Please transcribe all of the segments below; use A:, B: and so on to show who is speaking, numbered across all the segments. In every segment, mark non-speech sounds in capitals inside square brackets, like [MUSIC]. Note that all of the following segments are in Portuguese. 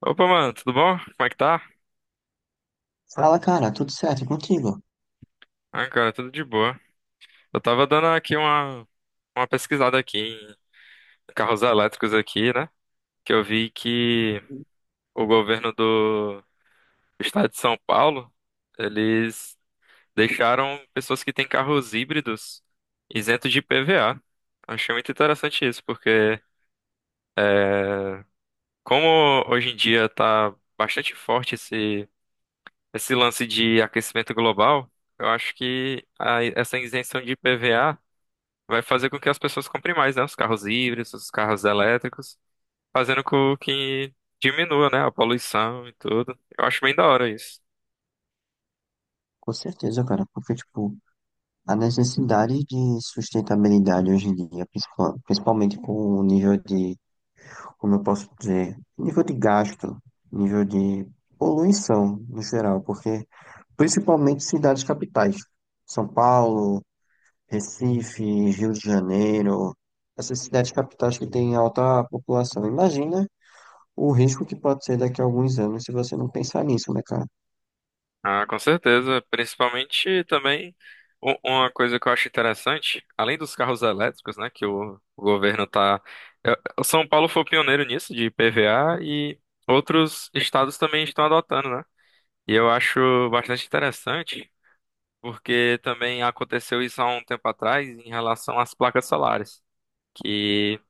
A: Opa, mano, tudo bom? Como é que tá?
B: Fala, cara, tudo certo e contigo?
A: Ah, cara, tudo de boa. Eu tava dando aqui uma pesquisada aqui em carros elétricos aqui, né? Que eu vi que o governo do estado de São Paulo, eles deixaram pessoas que têm carros híbridos isentos de IPVA. Achei muito interessante isso, porque é, como hoje em dia tá bastante forte esse lance de aquecimento global, eu acho que essa isenção de IPVA vai fazer com que as pessoas comprem mais, né? Os carros híbridos, os carros elétricos, fazendo com que diminua, né? A poluição e tudo. Eu acho bem da hora isso.
B: Com certeza, cara, porque, tipo, a necessidade de sustentabilidade hoje em dia, principalmente com o nível de, como eu posso dizer, nível de gasto, nível de poluição no geral, porque principalmente cidades capitais, São Paulo, Recife, Rio de Janeiro, essas cidades capitais que têm alta população. Imagina o risco que pode ser daqui a alguns anos se você não pensar nisso, né, cara?
A: Ah, com certeza. Principalmente também uma coisa que eu acho interessante, além dos carros elétricos, né? Que o governo tá. O São Paulo foi o pioneiro nisso, de IPVA, e outros estados também estão adotando, né? E eu acho bastante interessante, porque também aconteceu isso há um tempo atrás em relação às placas solares. Que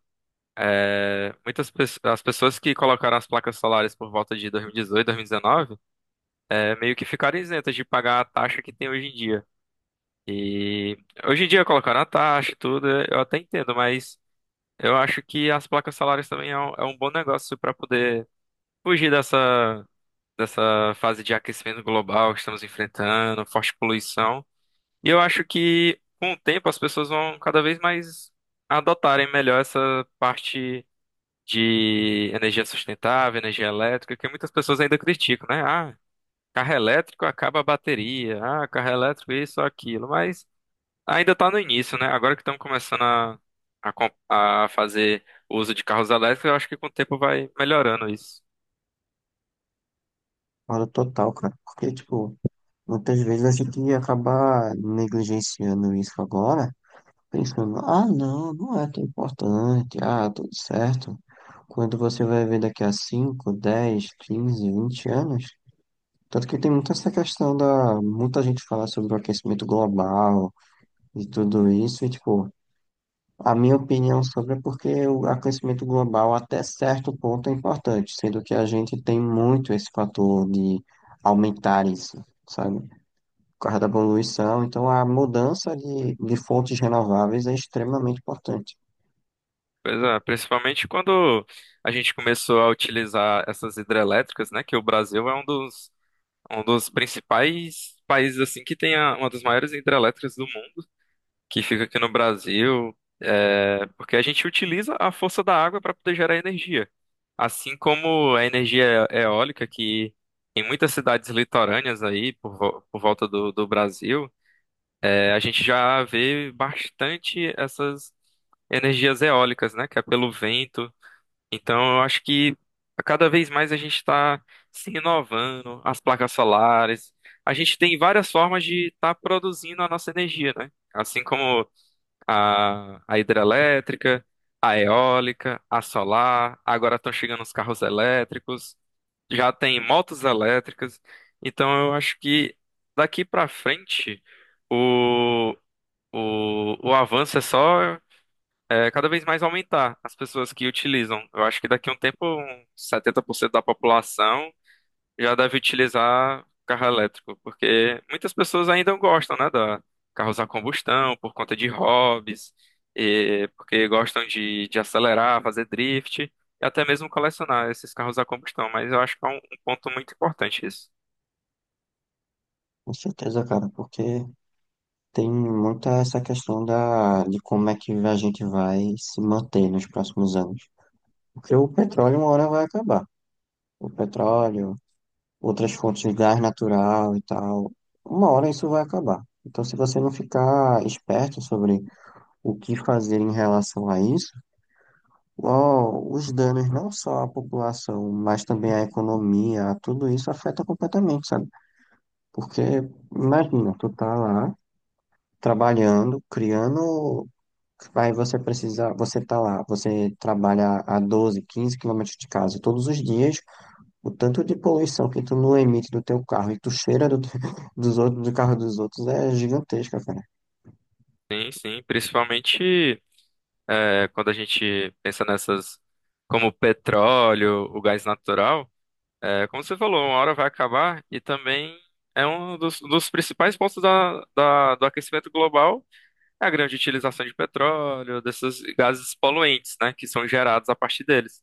A: muitas pessoas, as pessoas que colocaram as placas solares por volta de 2018, 2019, meio que ficaram isentas de pagar a taxa que tem hoje em dia. E hoje em dia colocaram a taxa e tudo, eu até entendo, mas eu acho que as placas solares também é um bom negócio para poder fugir dessa fase de aquecimento global que estamos enfrentando, forte poluição. E eu acho que com o tempo as pessoas vão cada vez mais adotarem melhor essa parte de energia sustentável, energia elétrica, que muitas pessoas ainda criticam, né? Ah, carro elétrico acaba a bateria, ah, carro elétrico isso, aquilo, mas ainda está no início, né? Agora que estamos começando a fazer uso de carros elétricos, eu acho que com o tempo vai melhorando isso.
B: Concordo total, cara. Porque, tipo, muitas vezes a gente acaba negligenciando isso agora, pensando, ah, não, não é tão importante, ah, tá tudo certo. Quando você vai ver daqui a 5 10 15 20 anos, tanto que tem muita essa questão da, muita gente fala sobre o aquecimento global e tudo isso, e, tipo, a minha opinião sobre é porque o aquecimento global até certo ponto é importante, sendo que a gente tem muito esse fator de aumentar isso, sabe? Por causa da poluição, então a mudança de fontes renováveis é extremamente importante.
A: Pois é, principalmente quando a gente começou a utilizar essas hidrelétricas, né? Que o Brasil é um dos principais países assim que tem uma das maiores hidrelétricas do mundo. Que fica aqui no Brasil, porque a gente utiliza a força da água para poder gerar energia. Assim como a energia eólica, que em muitas cidades litorâneas aí, por volta do Brasil, a gente já vê bastante essas energias eólicas, né? Que é pelo vento. Então, eu acho que cada vez mais a gente está se inovando, as placas solares. A gente tem várias formas de estar produzindo a nossa energia, né? Assim como a hidrelétrica, a eólica, a solar, agora estão chegando os carros elétricos, já tem motos elétricas, então eu acho que daqui para frente o, o avanço é só cada vez mais aumentar as pessoas que utilizam. Eu acho que daqui a um tempo, uns 70% da população já deve utilizar carro elétrico, porque muitas pessoas ainda gostam, né, da carros a combustão por conta de hobbies, e porque gostam de acelerar, fazer drift e até mesmo colecionar esses carros a combustão. Mas eu acho que é um ponto muito importante isso.
B: Com certeza, cara, porque tem muita essa questão da, de como é que a gente vai se manter nos próximos anos. Porque o petróleo uma hora vai acabar. O petróleo, outras fontes de gás natural e tal. Uma hora isso vai acabar. Então, se você não ficar esperto sobre o que fazer em relação a isso, ó, os danos não só à população, mas também à economia, tudo isso afeta completamente, sabe? Porque, imagina, tu tá lá trabalhando, criando. Aí você precisa, você tá lá, você trabalha a 12 15 quilômetros de casa todos os dias. O tanto de poluição que tu não emite do teu carro e tu cheira do, [LAUGHS] dos outros, do carro dos outros é gigantesca, cara.
A: Sim, sim, principalmente quando a gente pensa nessas como o petróleo, o gás natural, como você falou, uma hora vai acabar e também é um dos principais pontos do aquecimento global. É a grande utilização de petróleo, desses gases poluentes, né, que são gerados a partir deles.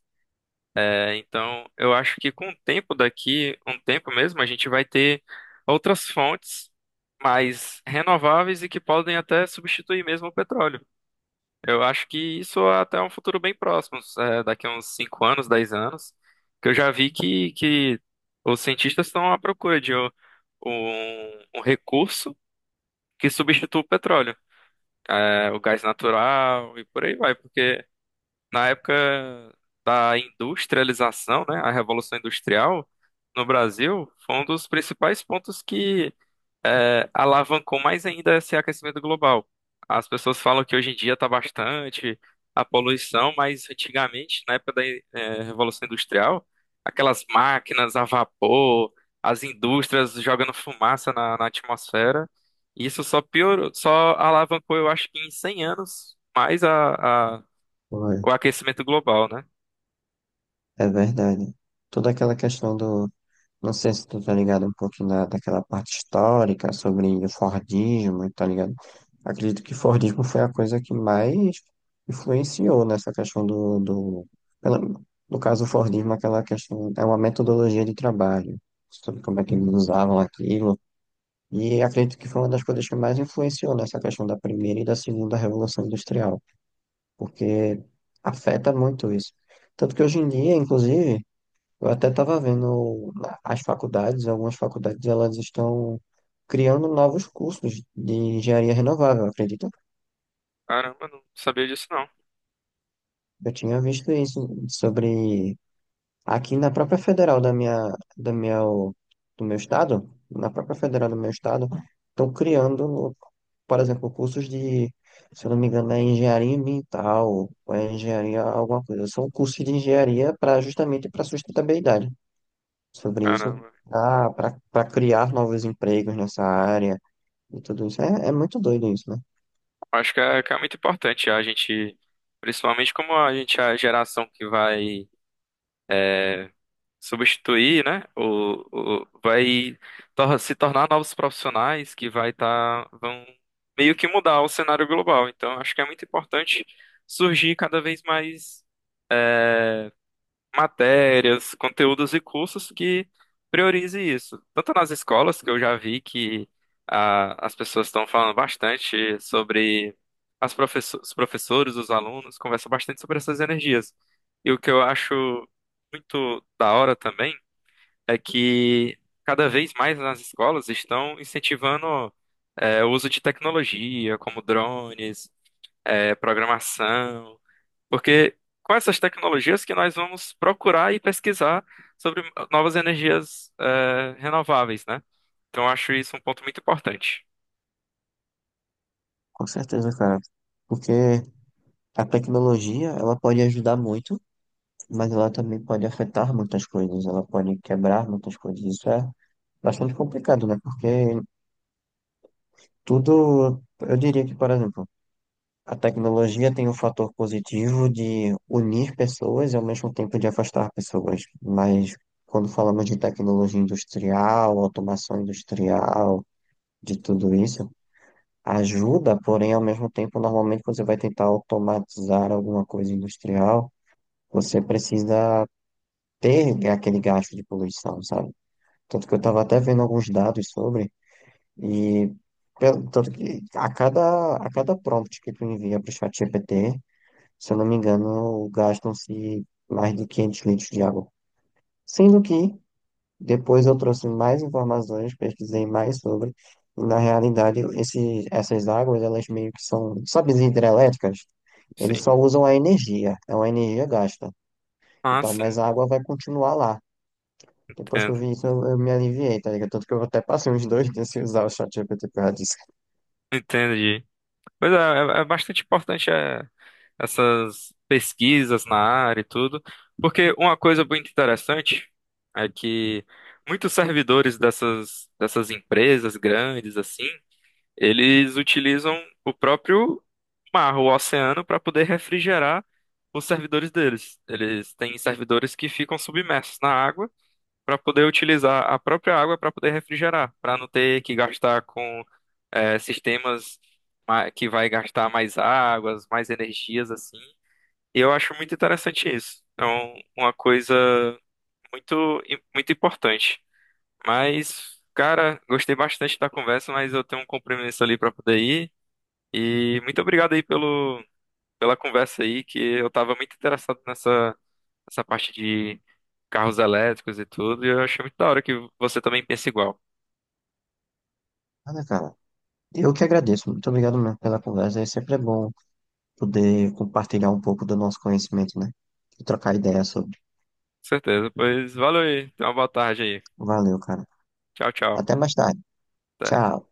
A: Então, eu acho que com o tempo daqui, um tempo mesmo, a gente vai ter outras fontes mais renováveis e que podem até substituir mesmo o petróleo. Eu acho que isso é até um futuro bem próximo, daqui a uns 5 anos, 10 anos, que eu já vi que os cientistas estão à procura de um recurso que substitua o petróleo o gás natural e por aí vai, porque na época da industrialização, né, a Revolução Industrial no Brasil foi um dos principais pontos que alavancou mais ainda esse aquecimento global. As pessoas falam que hoje em dia está bastante a poluição, mas antigamente, na época da Revolução Industrial, aquelas máquinas a vapor, as indústrias jogando fumaça na atmosfera, isso só piorou, só alavancou, eu acho que em 100 anos, mais
B: Pô, é
A: o aquecimento global, né?
B: é verdade. Toda aquela questão do. Não sei se tu tá ligado um pouquinho da, daquela parte histórica sobre o Fordismo, tá ligado? Acredito que Fordismo foi a coisa que mais influenciou nessa questão do pela- no caso, o Fordismo, aquela questão, é uma metodologia de trabalho, sobre como é que eles usavam aquilo. E acredito que foi uma das coisas que mais influenciou nessa questão da primeira e da segunda revolução industrial, porque afeta muito isso. Tanto que hoje em dia, inclusive, eu até estava vendo as faculdades, algumas faculdades, elas estão criando novos cursos de engenharia renovável, acredita?
A: Caramba, não sabia disso não.
B: Eu tinha visto isso sobre aqui na própria federal da minha, do meu estado, na própria federal do meu estado, estão criando, por exemplo, cursos de, se eu não me engano, é engenharia ambiental, ou é engenharia alguma coisa. São cursos de engenharia para justamente para sustentabilidade. Sobre isso,
A: Caramba.
B: para criar novos empregos nessa área e tudo isso. É, é muito doido isso, né?
A: Acho que é muito importante a gente, principalmente como a gente é a geração que vai substituir, né? Vai se tornar novos profissionais que vai estar vão meio que mudar o cenário global. Então, acho que é muito importante surgir cada vez mais matérias, conteúdos e cursos que priorize isso. Tanto nas escolas, que eu já vi que as pessoas estão falando bastante sobre os professores, os alunos, conversam bastante sobre essas energias. E o que eu acho muito da hora também é que cada vez mais nas escolas estão incentivando o uso de tecnologia, como drones, programação. Porque com essas tecnologias que nós vamos procurar e pesquisar sobre novas energias renováveis, né? Então eu acho isso um ponto muito importante.
B: Com certeza, cara. Porque a tecnologia, ela pode ajudar muito, mas ela também pode afetar muitas coisas, ela pode quebrar muitas coisas. Isso é bastante complicado, né? Porque tudo, eu diria que, por exemplo, a tecnologia tem o fator positivo de unir pessoas e, ao mesmo tempo, de afastar pessoas. Mas quando falamos de tecnologia industrial, automação industrial, de tudo isso, ajuda, porém ao mesmo tempo, normalmente quando você vai tentar automatizar alguma coisa industrial, você precisa ter aquele gasto de poluição, sabe? Tanto que eu estava até vendo alguns dados sobre e tanto que a cada prompt que tu envia para o ChatGPT, se eu não me engano, gastam-se mais de 500 litros de água. Sendo que, depois eu trouxe mais informações, pesquisei mais sobre, e na realidade, esse, essas águas, elas meio que são, sabe, as hidrelétricas? Eles só
A: Sim.
B: usam a energia, é uma energia gasta.
A: Ah,
B: Então,
A: sim,
B: mas a água vai continuar lá. Depois que eu
A: entendo.
B: vi isso, eu, me aliviei, tá ligado? Tanto que eu até passei uns dois dias sem usar o ChatGPT por causa disso.
A: Entendi. Pois é, bastante importante essas pesquisas na área e tudo, porque uma coisa muito interessante é que muitos servidores dessas empresas grandes, assim, eles utilizam o próprio mar, o oceano, para poder refrigerar os servidores deles. Eles têm servidores que ficam submersos na água para poder utilizar a própria água para poder refrigerar, para não ter que gastar com sistemas que vai gastar mais águas, mais energias assim. E eu acho muito interessante isso. É uma coisa muito importante. Mas, cara, gostei bastante da conversa, mas eu tenho um compromisso ali para poder ir. E muito obrigado aí pela conversa aí, que eu estava muito interessado nessa parte de carros elétricos e tudo, e eu achei muito da hora que você também pensa igual. Com
B: Nada, cara. Eu que agradeço. Muito obrigado mesmo pela conversa. É sempre bom poder compartilhar um pouco do nosso conhecimento, né? E trocar ideias sobre.
A: certeza. Pois valeu aí, tenha uma boa tarde aí.
B: Valeu, cara.
A: Tchau, tchau.
B: Até mais tarde.
A: Até.
B: Tchau.